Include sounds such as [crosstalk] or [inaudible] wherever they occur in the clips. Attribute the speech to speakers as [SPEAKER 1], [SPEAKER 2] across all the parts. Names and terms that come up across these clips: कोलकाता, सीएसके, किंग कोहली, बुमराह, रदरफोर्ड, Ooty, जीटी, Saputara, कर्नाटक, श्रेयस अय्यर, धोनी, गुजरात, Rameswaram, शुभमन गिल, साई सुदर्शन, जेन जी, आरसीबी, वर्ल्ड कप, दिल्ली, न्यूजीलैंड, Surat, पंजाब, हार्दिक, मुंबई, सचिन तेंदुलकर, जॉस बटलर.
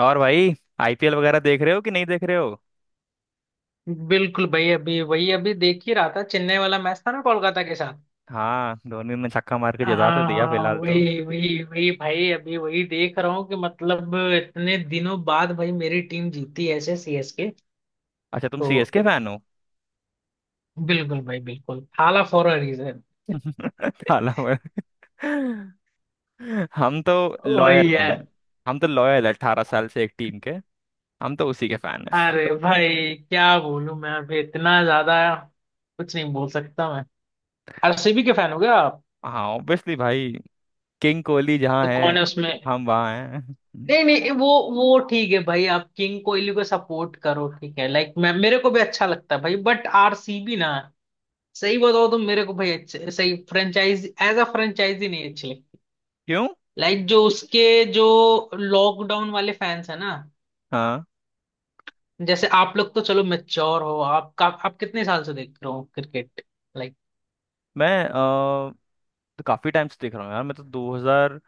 [SPEAKER 1] और भाई। आईपीएल वगैरह देख रहे हो कि नहीं देख रहे हो?
[SPEAKER 2] बिल्कुल भाई, अभी वही अभी देख ही रहा था। चेन्नई वाला मैच था ना कोलकाता के साथ।
[SPEAKER 1] हाँ, धोनी ने छक्का मार के जता तो
[SPEAKER 2] हाँ।
[SPEAKER 1] दिया
[SPEAKER 2] हाँ,
[SPEAKER 1] फिलहाल तो।
[SPEAKER 2] वही वही वही भाई, अभी वही देख रहा हूँ कि मतलब इतने दिनों बाद भाई मेरी टीम जीती ऐसे, सीएसके।
[SPEAKER 1] अच्छा, तुम
[SPEAKER 2] तो
[SPEAKER 1] सीएसके फैन हो?
[SPEAKER 2] बिल्कुल भाई, बिल्कुल हाला फॉर अ रीजन।
[SPEAKER 1] [laughs] काला मर- हम तो लॉयल
[SPEAKER 2] वही
[SPEAKER 1] हैं।
[SPEAKER 2] है।
[SPEAKER 1] हम तो लॉयल है 18 साल से एक टीम के। हम तो उसी के फैन हैं।
[SPEAKER 2] अरे भाई क्या बोलूं मैं, अभी इतना ज्यादा कुछ नहीं बोल सकता मैं। आरसीबी के फैन हो गया आप?
[SPEAKER 1] हाँ ऑब्वियसली भाई। किंग कोहली जहाँ
[SPEAKER 2] तो
[SPEAKER 1] है
[SPEAKER 2] कौन है उसमें?
[SPEAKER 1] हम वहाँ हैं।
[SPEAKER 2] नहीं नहीं, वो ठीक है भाई, आप किंग कोहली को सपोर्ट करो ठीक है, लाइक मैं, मेरे को भी अच्छा लगता है भाई, बट आरसीबी ना, सही बताओ तो मेरे को भाई अच्छे, सही फ्रेंचाइज, एज अ फ्रेंचाइजी नहीं अच्छी लगती।
[SPEAKER 1] क्यों?
[SPEAKER 2] लाइक जो उसके, जो लॉकडाउन वाले फैंस है ना,
[SPEAKER 1] हाँ,
[SPEAKER 2] जैसे आप लोग तो चलो मेच्योर हो आप का, आप कितने साल से देख रहे हो क्रिकेट, लाइक।
[SPEAKER 1] मैं अ, तो काफी टाइम से देख रहा हूँ यार। मैं तो 2006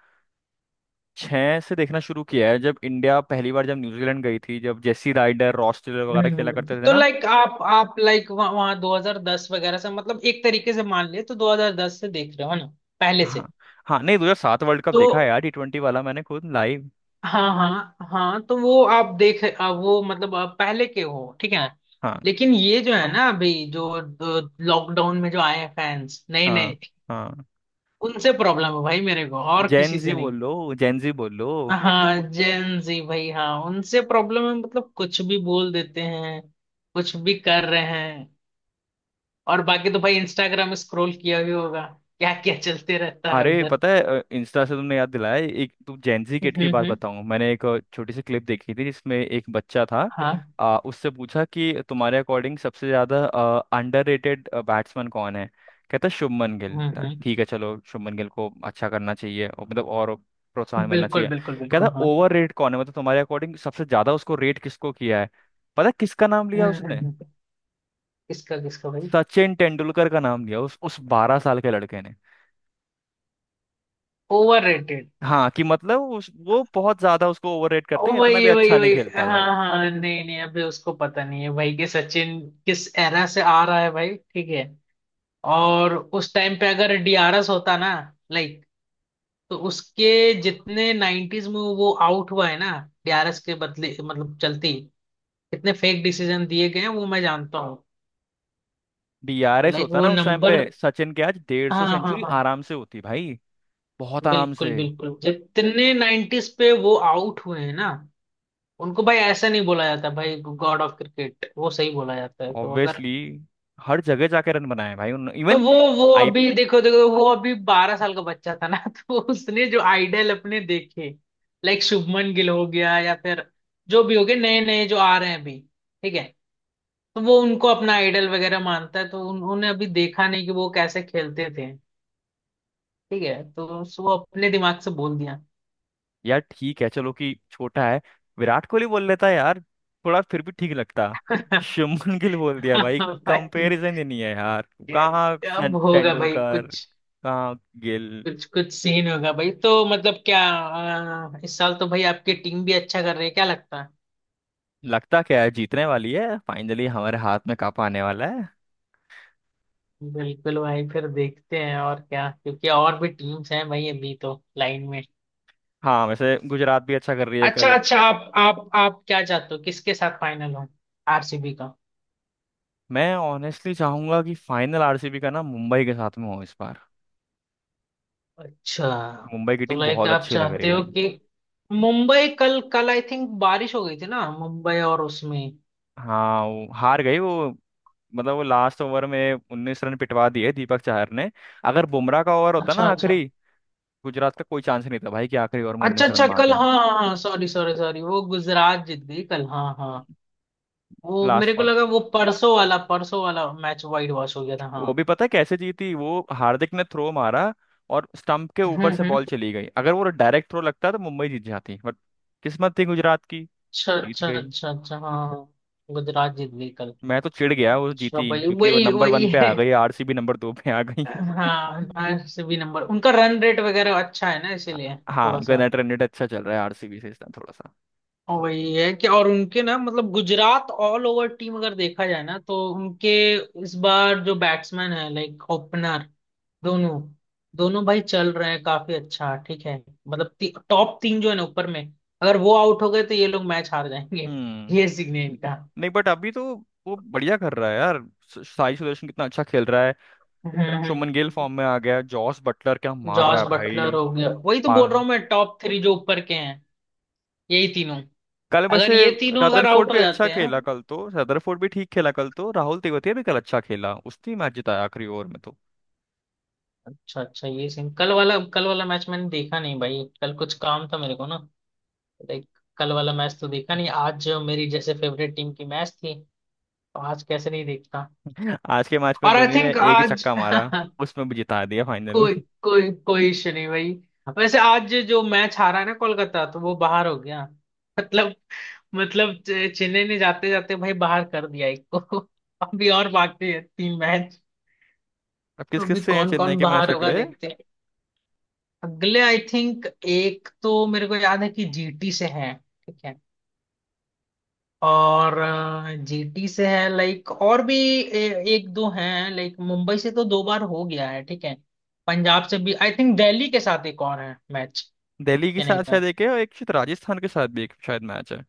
[SPEAKER 1] से देखना शुरू किया है जब इंडिया पहली बार जब न्यूजीलैंड गई थी, जब जेसी राइडर रॉस टेलर वगैरह खेला करते थे
[SPEAKER 2] तो
[SPEAKER 1] ना।
[SPEAKER 2] लाइक आप लाइक वहां 2010 वगैरह से, मतलब एक तरीके से मान लिए तो 2010 से देख रहे हो है ना, पहले
[SPEAKER 1] हाँ
[SPEAKER 2] से।
[SPEAKER 1] हाँ। नहीं, 2007 वर्ल्ड कप
[SPEAKER 2] तो
[SPEAKER 1] देखा है यार, T20 वाला, मैंने खुद लाइव।
[SPEAKER 2] हाँ हाँ हाँ, तो वो आप देख, आप वो मतलब आप पहले के हो ठीक है।
[SPEAKER 1] हाँ
[SPEAKER 2] लेकिन ये जो है ना, अभी जो लॉकडाउन में जो आए हैं फैंस नए नए,
[SPEAKER 1] हाँ हाँ।
[SPEAKER 2] उनसे प्रॉब्लम है भाई मेरे को, और
[SPEAKER 1] जेन
[SPEAKER 2] किसी से
[SPEAKER 1] जी
[SPEAKER 2] नहीं।
[SPEAKER 1] बोल लो, जेन जी बोल लो।
[SPEAKER 2] हाँ जेन जी भाई, हाँ उनसे प्रॉब्लम है, मतलब कुछ भी बोल देते हैं, कुछ भी कर रहे हैं। और बाकी तो भाई इंस्टाग्राम स्क्रॉल किया ही होगा, क्या क्या चलते रहता है
[SPEAKER 1] अरे
[SPEAKER 2] उधर।
[SPEAKER 1] पता है, इंस्टा से तुमने याद दिलाया। एक तुम जेंजी किड की बात
[SPEAKER 2] हम्म।
[SPEAKER 1] बताऊं, मैंने एक छोटी सी क्लिप देखी थी जिसमें एक बच्चा था।
[SPEAKER 2] हाँ।
[SPEAKER 1] उससे पूछा कि तुम्हारे अकॉर्डिंग सबसे ज्यादा अंडररेटेड बैट्समैन कौन है। कहता शुभमन गिल था।
[SPEAKER 2] हम्म,
[SPEAKER 1] ठीक है चलो, शुभमन गिल को अच्छा करना चाहिए और मतलब और प्रोत्साहन मिलना
[SPEAKER 2] बिल्कुल
[SPEAKER 1] चाहिए।
[SPEAKER 2] बिल्कुल
[SPEAKER 1] कहता
[SPEAKER 2] बिल्कुल, हाँ
[SPEAKER 1] ओवर रेट कौन है, मतलब तुम्हारे अकॉर्डिंग सबसे ज्यादा उसको रेट किसको किया है। पता है किसका नाम लिया
[SPEAKER 2] हम्म
[SPEAKER 1] उसने?
[SPEAKER 2] हम्म। किसका किसका भाई?
[SPEAKER 1] सचिन तेंदुलकर का नाम लिया उस 12 साल के लड़के ने।
[SPEAKER 2] Over rated?
[SPEAKER 1] हाँ कि मतलब वो बहुत ज्यादा उसको ओवररेट करते हैं, इतना भी
[SPEAKER 2] वही वही
[SPEAKER 1] अच्छा नहीं
[SPEAKER 2] वही [laughs]
[SPEAKER 1] खेलता था
[SPEAKER 2] हाँ
[SPEAKER 1] वो।
[SPEAKER 2] हाँ, नहीं नहीं, अभी उसको पता नहीं है भाई कि सचिन किस एरा से आ रहा है भाई, ठीक है। और उस टाइम पे अगर डीआरएस होता ना, लाइक, तो उसके, जितने 90s में वो आउट हुआ है ना, डीआरएस के बदले मतलब चलती, कितने फेक डिसीजन दिए गए हैं वो मैं जानता हूँ। तो
[SPEAKER 1] डीआरएस
[SPEAKER 2] लाइक
[SPEAKER 1] होता
[SPEAKER 2] वो
[SPEAKER 1] ना उस टाइम पे,
[SPEAKER 2] नंबर,
[SPEAKER 1] सचिन के आज डेढ़ सौ
[SPEAKER 2] हाँ हाँ
[SPEAKER 1] सेंचुरी
[SPEAKER 2] हाँ,
[SPEAKER 1] आराम से होती भाई। बहुत आराम
[SPEAKER 2] बिल्कुल
[SPEAKER 1] से।
[SPEAKER 2] बिल्कुल, जितने 90s पे वो आउट हुए हैं ना, उनको भाई ऐसा नहीं बोला जाता, भाई गॉड ऑफ क्रिकेट वो सही बोला जाता है तो अगर।
[SPEAKER 1] ऑब्वियसली हर जगह जाके रन बनाए भाई उन
[SPEAKER 2] तो
[SPEAKER 1] इवन।
[SPEAKER 2] वो
[SPEAKER 1] आई
[SPEAKER 2] अभी देखो देखो, वो अभी बारह साल का बच्चा था ना [laughs] तो उसने जो आइडल अपने देखे, लाइक शुभमन गिल हो गया या फिर जो भी हो गए नए नए जो आ रहे हैं अभी, ठीक है। तो वो उनको अपना आइडल वगैरह मानता है, तो उन्होंने अभी देखा नहीं कि वो कैसे खेलते थे, ठीक है। तो वो अपने दिमाग से बोल दिया।
[SPEAKER 1] यार ठीक है, चलो कि छोटा है। विराट कोहली बोल लेता है यार, थोड़ा फिर भी ठीक लगता।
[SPEAKER 2] [laughs]
[SPEAKER 1] शुभमन गिल बोल दिया भाई,
[SPEAKER 2] भाई,
[SPEAKER 1] कंपैरिजन ही नहीं है यार। कहाँ
[SPEAKER 2] अब होगा भाई
[SPEAKER 1] तेंदुलकर,
[SPEAKER 2] कुछ,
[SPEAKER 1] कहाँ गिल।
[SPEAKER 2] कुछ कुछ सीन होगा भाई, तो मतलब क्या, इस साल तो भाई आपकी टीम भी अच्छा कर रही है, क्या लगता है?
[SPEAKER 1] लगता क्या है, जीतने वाली है फाइनली, हमारे हाथ में कप आने वाला है।
[SPEAKER 2] बिल्कुल भाई, फिर देखते हैं और क्या, क्योंकि और भी टीम्स हैं भाई अभी तो लाइन में।
[SPEAKER 1] हाँ वैसे गुजरात भी अच्छा कर रही है
[SPEAKER 2] अच्छा
[SPEAKER 1] कल।
[SPEAKER 2] अच्छा, आप क्या चाहते हो, किसके साथ फाइनल हो? आरसीबी का?
[SPEAKER 1] मैं ऑनेस्टली चाहूंगा कि फाइनल आरसीबी का ना मुंबई के साथ में हो इस बार।
[SPEAKER 2] अच्छा,
[SPEAKER 1] मुंबई की
[SPEAKER 2] तो
[SPEAKER 1] टीम
[SPEAKER 2] लाइक
[SPEAKER 1] बहुत
[SPEAKER 2] आप
[SPEAKER 1] अच्छी लग रही
[SPEAKER 2] चाहते
[SPEAKER 1] है।
[SPEAKER 2] हो कि मुंबई, कल कल आई थिंक बारिश हो गई थी ना मुंबई, और उसमें।
[SPEAKER 1] हाँ वो हार गई वो। मतलब वो लास्ट ओवर में 19 रन पिटवा दिए दीपक चाहर ने। अगर बुमराह का ओवर होता ना
[SPEAKER 2] अच्छा अच्छा
[SPEAKER 1] आखिरी, गुजरात का कोई चांस नहीं था भाई कि आखिरी ओवर में
[SPEAKER 2] अच्छा
[SPEAKER 1] 19 रन
[SPEAKER 2] अच्छा,
[SPEAKER 1] मार
[SPEAKER 2] कल
[SPEAKER 1] दें।
[SPEAKER 2] हाँ हाँ हाँ, सॉरी सॉरी सॉरी, वो गुजरात जीत गई कल, हाँ हाँ। वो मेरे
[SPEAKER 1] लास्ट,
[SPEAKER 2] को लगा, वो परसों वाला मैच वाइट वॉश हो गया था, हाँ।
[SPEAKER 1] वो भी पता है कैसे जीती? वो हार्दिक ने थ्रो मारा और स्टंप के ऊपर से बॉल
[SPEAKER 2] हम्म।
[SPEAKER 1] चली गई, अगर वो डायरेक्ट थ्रो लगता तो मुंबई जीत जाती बट किस्मत थी गुजरात की,
[SPEAKER 2] अच्छा
[SPEAKER 1] जीत
[SPEAKER 2] अच्छा
[SPEAKER 1] गई।
[SPEAKER 2] अच्छा अच्छा हाँ हाँ। हाँ। गुजरात जीत गई कल।
[SPEAKER 1] मैं तो चिढ़ गया वो
[SPEAKER 2] अच्छा
[SPEAKER 1] जीती,
[SPEAKER 2] भाई,
[SPEAKER 1] क्योंकि वो
[SPEAKER 2] वही
[SPEAKER 1] नंबर
[SPEAKER 2] वही
[SPEAKER 1] वन पे
[SPEAKER 2] है।
[SPEAKER 1] आ गई, आरसीबी नंबर 2 पे आ गई
[SPEAKER 2] हाँ
[SPEAKER 1] [laughs]
[SPEAKER 2] आरसीबी नंबर, उनका रन रेट वगैरह अच्छा है ना इसीलिए। थोड़ा
[SPEAKER 1] हाँ
[SPEAKER 2] सा।
[SPEAKER 1] कर्नाटक रेट अच्छा चल रहा है आरसीबी से इस टाइम थोड़ा सा।
[SPEAKER 2] और वही है कि, और उनके ना मतलब गुजरात, ऑल ओवर टीम अगर देखा जाए ना, तो उनके इस बार जो बैट्समैन है, लाइक ओपनर, दोनों, दोनों भाई चल रहे हैं काफी अच्छा, ठीक है। मतलब टॉप तीन जो है ना ऊपर में, अगर वो आउट हो गए तो ये लोग मैच हार जाएंगे। [laughs]
[SPEAKER 1] हम्म।
[SPEAKER 2] ये सीन है इनका।
[SPEAKER 1] नहीं बट अभी तो वो बढ़िया कर रहा है यार। साई सुदर्शन कितना अच्छा खेल रहा है।
[SPEAKER 2] हम्म, हम्म,
[SPEAKER 1] शुभमन गिल
[SPEAKER 2] हम्म।
[SPEAKER 1] फॉर्म में आ गया, जॉस बटलर क्या मार
[SPEAKER 2] जॉस
[SPEAKER 1] रहा है
[SPEAKER 2] बटलर हो गया, वही तो बोल रहा
[SPEAKER 1] भाई।
[SPEAKER 2] हूँ मैं, टॉप थ्री जो ऊपर के हैं, यही तीनों,
[SPEAKER 1] कल
[SPEAKER 2] अगर
[SPEAKER 1] वैसे
[SPEAKER 2] ये तीनों अगर
[SPEAKER 1] रदरफोर्ड
[SPEAKER 2] आउट
[SPEAKER 1] भी
[SPEAKER 2] हो
[SPEAKER 1] अच्छा
[SPEAKER 2] जाते हैं।
[SPEAKER 1] खेला कल तो, रदरफोर्ड भी ठीक खेला कल तो, राहुल तेवतिया भी कल अच्छा खेला, उसने मैच जिताया आखिरी ओवर में तो।
[SPEAKER 2] अच्छा अच्छा, ये सीन, कल वाला मैच मैंने देखा नहीं भाई, कल कुछ काम था मेरे को ना, लाइक। कल वाला मैच तो देखा नहीं, आज जो मेरी जैसे फेवरेट टीम की मैच थी, तो आज कैसे नहीं देखता।
[SPEAKER 1] [laughs] आज के मैच में
[SPEAKER 2] और आई
[SPEAKER 1] धोनी ने
[SPEAKER 2] थिंक
[SPEAKER 1] एक ही
[SPEAKER 2] आज
[SPEAKER 1] छक्का मारा,
[SPEAKER 2] [laughs]
[SPEAKER 1] उसमें भी जिता दिया फाइनल में
[SPEAKER 2] कोई,
[SPEAKER 1] [laughs]
[SPEAKER 2] कोई कोई इशू नहीं भाई। वैसे आज जो मैच हारा है ना कोलकाता, तो वो बाहर हो गया, मतलब, मतलब चेन्नई ने जाते जाते भाई बाहर कर दिया एक को। [laughs] अभी और बाकी है तीन मैच,
[SPEAKER 1] अब
[SPEAKER 2] तो
[SPEAKER 1] किस किस
[SPEAKER 2] अभी
[SPEAKER 1] से हैं
[SPEAKER 2] कौन
[SPEAKER 1] चेन्नई
[SPEAKER 2] कौन
[SPEAKER 1] के मैच
[SPEAKER 2] बाहर होगा
[SPEAKER 1] अगले?
[SPEAKER 2] देखते हैं। अगले आई थिंक, एक तो मेरे को याद है कि जीटी से है, ठीक है। और जीटी से है, लाइक, और भी एक दो हैं, लाइक मुंबई से तो दो बार हो गया है, ठीक है। पंजाब से भी आई थिंक, दिल्ली के साथ एक और है मैच,
[SPEAKER 1] दिल्ली के
[SPEAKER 2] चेन्नई
[SPEAKER 1] साथ
[SPEAKER 2] का।
[SPEAKER 1] शायद एक है, और एक शायद राजस्थान के साथ भी एक शायद मैच है।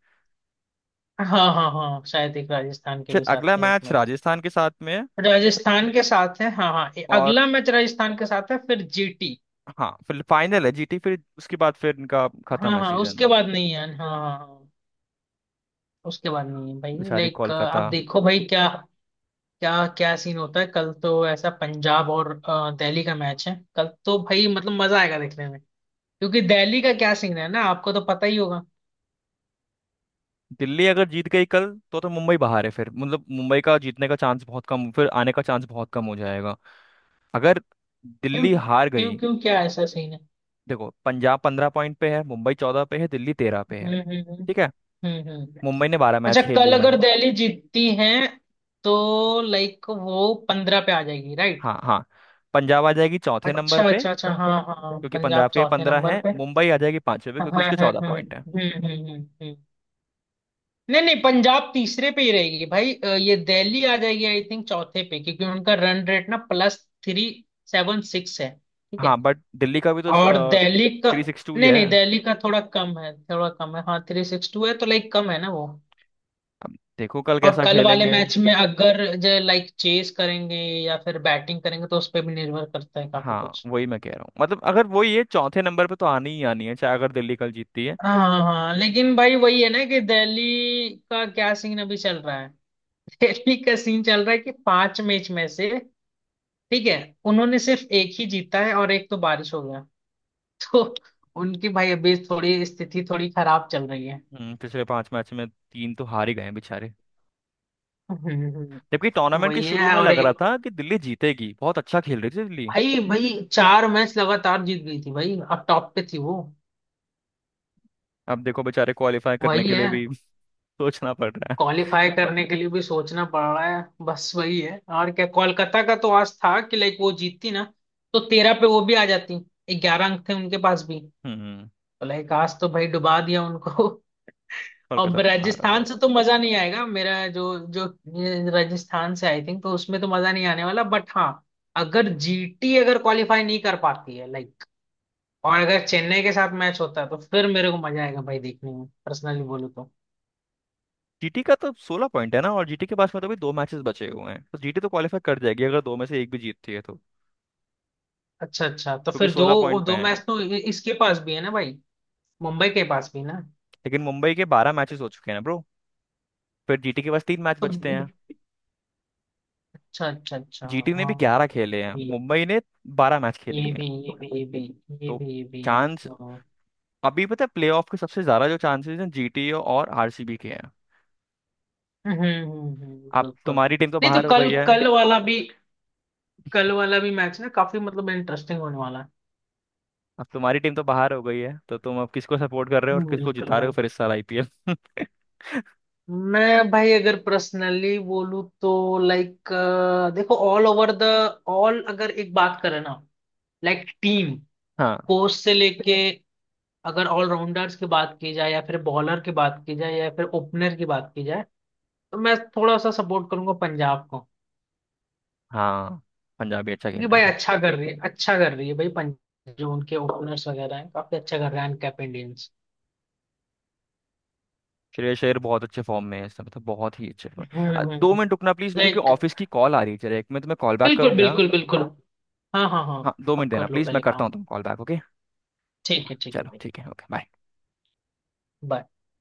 [SPEAKER 2] हाँ हाँ हाँ, शायद एक राजस्थान के
[SPEAKER 1] शायद
[SPEAKER 2] भी साथ
[SPEAKER 1] अगला
[SPEAKER 2] है एक
[SPEAKER 1] मैच
[SPEAKER 2] मैच।
[SPEAKER 1] राजस्थान के साथ में है
[SPEAKER 2] राजस्थान के साथ है, हाँ हाँ,
[SPEAKER 1] और,
[SPEAKER 2] अगला मैच राजस्थान के साथ है, फिर जीटी।
[SPEAKER 1] हाँ फिर फाइनल है जीटी, फिर उसके बाद फिर इनका खत्म
[SPEAKER 2] हाँ
[SPEAKER 1] है
[SPEAKER 2] हाँ उसके
[SPEAKER 1] सीजन।
[SPEAKER 2] बाद नहीं है, हाँ हाँ हाँ, उसके बाद नहीं है भाई,
[SPEAKER 1] बेचारी
[SPEAKER 2] लाइक आप
[SPEAKER 1] कोलकाता।
[SPEAKER 2] देखो भाई, क्या, क्या क्या सीन होता है, कल तो ऐसा पंजाब और दिल्ली का मैच है कल, तो भाई मतलब मजा आएगा देखने में, क्योंकि दिल्ली का क्या सीन है ना, आपको तो पता ही होगा।
[SPEAKER 1] दिल्ली अगर जीत गई कल तो मुंबई बाहर है फिर, मतलब मुंबई का जीतने का चांस बहुत कम, फिर आने का चांस बहुत कम हो जाएगा अगर
[SPEAKER 2] क्यों?
[SPEAKER 1] दिल्ली हार
[SPEAKER 2] क्यों
[SPEAKER 1] गई।
[SPEAKER 2] क्यों, क्या ऐसा सीन है?
[SPEAKER 1] देखो, पंजाब 15 पॉइंट पे है, मुंबई 14 पे है, दिल्ली 13 पे है।
[SPEAKER 2] हम्म,
[SPEAKER 1] ठीक है,
[SPEAKER 2] हम्म।
[SPEAKER 1] मुंबई ने बारह
[SPEAKER 2] अच्छा,
[SPEAKER 1] मैच खेल
[SPEAKER 2] कल
[SPEAKER 1] लिए
[SPEAKER 2] अगर
[SPEAKER 1] हैं।
[SPEAKER 2] दिल्ली जीतती है, तो लाइक वो पंद्रह पे आ जाएगी, राइट?
[SPEAKER 1] हाँ हाँ, पंजाब आ जाएगी चौथे नंबर
[SPEAKER 2] अच्छा
[SPEAKER 1] पे,
[SPEAKER 2] अच्छा अच्छा हाँ हाँ,
[SPEAKER 1] क्योंकि
[SPEAKER 2] पंजाब
[SPEAKER 1] पंजाब के
[SPEAKER 2] चौथे
[SPEAKER 1] 15
[SPEAKER 2] नंबर
[SPEAKER 1] हैं,
[SPEAKER 2] पे।
[SPEAKER 1] मुंबई आ जाएगी पांचवे पे
[SPEAKER 2] हाँ
[SPEAKER 1] क्योंकि
[SPEAKER 2] हाँ
[SPEAKER 1] उसके
[SPEAKER 2] हाँ
[SPEAKER 1] चौदह
[SPEAKER 2] हाँ,
[SPEAKER 1] पॉइंट हैं।
[SPEAKER 2] हम्म हम्म हम्म। नहीं नहीं, पंजाब तीसरे पे ही रहेगी भाई, ये दिल्ली आ जाएगी आई थिंक चौथे पे, क्योंकि उनका रन रेट ना प्लस थ्री सेवन सिक्स है, ठीक
[SPEAKER 1] हाँ
[SPEAKER 2] है।
[SPEAKER 1] बट दिल्ली का भी तो
[SPEAKER 2] और दिल्ली का,
[SPEAKER 1] थ्री सिक्स टू ही
[SPEAKER 2] नहीं
[SPEAKER 1] है।
[SPEAKER 2] नहीं दिल्ली का थोड़ा कम है, थोड़ा कम है, हाँ थ्री सिक्स टू है, तो लाइक कम है ना वो।
[SPEAKER 1] अब देखो कल
[SPEAKER 2] और
[SPEAKER 1] कैसा
[SPEAKER 2] कल वाले
[SPEAKER 1] खेलेंगे।
[SPEAKER 2] मैच में अगर जो लाइक चेस करेंगे या फिर बैटिंग करेंगे, तो उस पर भी निर्भर करता है काफी
[SPEAKER 1] हाँ
[SPEAKER 2] कुछ।
[SPEAKER 1] वही मैं कह रहा हूँ, मतलब अगर वो ये चौथे नंबर पे तो आनी ही आनी है, चाहे अगर दिल्ली कल जीतती है।
[SPEAKER 2] हाँ हाँ हाँ, लेकिन भाई वही है ना कि दिल्ली का क्या सीन अभी चल रहा है। [laughs] दिल्ली का सीन चल रहा है कि पांच मैच में से, ठीक है, उन्होंने सिर्फ एक ही जीता है और एक तो बारिश हो गया। [laughs] तो उनकी भाई अभी थोड़ी स्थिति, थोड़ी खराब चल रही है।
[SPEAKER 1] पिछले पांच मैच में तीन तो हार ही गए हैं बेचारे।
[SPEAKER 2] [laughs] हम्म,
[SPEAKER 1] जबकि टूर्नामेंट के
[SPEAKER 2] वही
[SPEAKER 1] शुरू
[SPEAKER 2] है
[SPEAKER 1] में
[SPEAKER 2] और
[SPEAKER 1] लग रहा
[SPEAKER 2] एक,
[SPEAKER 1] था कि दिल्ली जीतेगी, बहुत अच्छा खेल रही थी दिल्ली।
[SPEAKER 2] भाई भाई चार मैच लगातार जीत गई थी भाई, अब टॉप पे थी वो।
[SPEAKER 1] अब देखो बेचारे क्वालिफाई करने
[SPEAKER 2] वही
[SPEAKER 1] के लिए
[SPEAKER 2] है,
[SPEAKER 1] भी [laughs] सोचना पड़ रहा है।
[SPEAKER 2] क्वालिफाई करने के लिए भी सोचना पड़ रहा है, बस वही है और क्या। कोलकाता का तो आज था कि लाइक वो जीतती ना, तो तेरह पे वो भी आ जाती, ग्यारह अंक थे उनके पास भी तो,
[SPEAKER 1] हम्म।
[SPEAKER 2] लाइक आज तो भाई डुबा दिया उनको। [laughs] अब
[SPEAKER 1] कोलकाता तो बाहर हो
[SPEAKER 2] राजस्थान
[SPEAKER 1] गए।
[SPEAKER 2] से तो मजा नहीं आएगा मेरा, जो जो ये राजस्थान से आई थिंक, तो उसमें तो मजा नहीं आने वाला, बट हाँ, अगर जीटी अगर क्वालिफाई नहीं कर पाती है लाइक, और अगर चेन्नई के साथ मैच होता है, तो फिर मेरे को मजा आएगा भाई देखने में, पर्सनली बोलूँ तो।
[SPEAKER 1] जीटी का तो 16 पॉइंट है ना, और जीटी के पास में तो अभी दो मैचेस बचे हुए हैं, तो जीटी तो क्वालिफाई कर जाएगी अगर दो में से एक भी जीतती है तो,
[SPEAKER 2] अच्छा अच्छा, तो
[SPEAKER 1] क्योंकि
[SPEAKER 2] फिर दो
[SPEAKER 1] 16 पॉइंट पे
[SPEAKER 2] दो
[SPEAKER 1] है।
[SPEAKER 2] मैच तो इसके पास भी है ना भाई, मुंबई के पास भी ना।
[SPEAKER 1] लेकिन मुंबई के 12 मैचेस हो चुके हैं ना ब्रो। फिर जीटी के पास तीन मैच
[SPEAKER 2] तो
[SPEAKER 1] बचते हैं।
[SPEAKER 2] अच्छा अच्छा अच्छा
[SPEAKER 1] जीटी ने भी
[SPEAKER 2] हाँ
[SPEAKER 1] 11
[SPEAKER 2] हाँ,
[SPEAKER 1] खेले
[SPEAKER 2] ये
[SPEAKER 1] हैं,
[SPEAKER 2] भी
[SPEAKER 1] मुंबई ने 12 मैच खेल
[SPEAKER 2] ये
[SPEAKER 1] लिए हैं।
[SPEAKER 2] भी ये भी ये भी ये
[SPEAKER 1] तो
[SPEAKER 2] भी ये भी है
[SPEAKER 1] चांस
[SPEAKER 2] हाँ।
[SPEAKER 1] अभी पता है, प्लेऑफ के सबसे ज्यादा जो चांसेस हैं जीटी और आरसीबी के हैं। अब
[SPEAKER 2] बिल्कुल।
[SPEAKER 1] तुम्हारी टीम तो
[SPEAKER 2] नहीं तो
[SPEAKER 1] बाहर हो
[SPEAKER 2] कल,
[SPEAKER 1] गई है।
[SPEAKER 2] कल वाला भी मैच ना काफी मतलब इंटरेस्टिंग होने वाला है।
[SPEAKER 1] अब तुम्हारी टीम तो बाहर हो गई है, तो तुम अब किसको सपोर्ट कर रहे हो और किसको
[SPEAKER 2] बिल्कुल
[SPEAKER 1] जिता रहे हो
[SPEAKER 2] भाई।
[SPEAKER 1] फिर इस साल आईपीएल [laughs]
[SPEAKER 2] मैं भाई अगर पर्सनली बोलूँ तो, लाइक देखो ऑल ओवर द, ऑल, अगर एक बात करें ना, लाइक टीम,
[SPEAKER 1] हाँ
[SPEAKER 2] कोच से लेके, अगर ऑलराउंडर्स की बात की जाए या फिर बॉलर की बात की जाए या फिर ओपनर की बात की जाए, तो मैं थोड़ा सा सपोर्ट करूंगा पंजाब को।
[SPEAKER 1] हाँ, पंजाबी अच्छा खेल
[SPEAKER 2] क्योंकि
[SPEAKER 1] रही
[SPEAKER 2] भाई
[SPEAKER 1] है।
[SPEAKER 2] अच्छा कर रही है, अच्छा कर रही है भाई पंजाब, जो उनके ओपनर्स वगैरह हैं काफी अच्छा कर रहे हैं, कैप इंडियंस।
[SPEAKER 1] श्रेयस अय्यर बहुत अच्छे फॉर्म में है इस समय, तो बहुत ही अच्छे फॉर्म। 2 मिनट
[SPEAKER 2] हम्म।
[SPEAKER 1] रुकना प्लीज, मेरी कोई
[SPEAKER 2] लाइक,
[SPEAKER 1] ऑफिस की कॉल आ रही है, चलो 1 मिनट मैं तुम्हें कॉल बैक करूँ
[SPEAKER 2] बिल्कुल
[SPEAKER 1] क्या?
[SPEAKER 2] बिल्कुल बिल्कुल, हाँ हाँ हाँ।
[SPEAKER 1] हाँ दो मिनट
[SPEAKER 2] आप
[SPEAKER 1] देना
[SPEAKER 2] कर लो
[SPEAKER 1] प्लीज, मैं
[SPEAKER 2] पहले
[SPEAKER 1] करता
[SPEAKER 2] काम,
[SPEAKER 1] हूँ तुम कॉल बैक, ओके।
[SPEAKER 2] ठीक है
[SPEAKER 1] चलो
[SPEAKER 2] भाई।
[SPEAKER 1] ठीक है, ओके बाय।
[SPEAKER 2] Bye.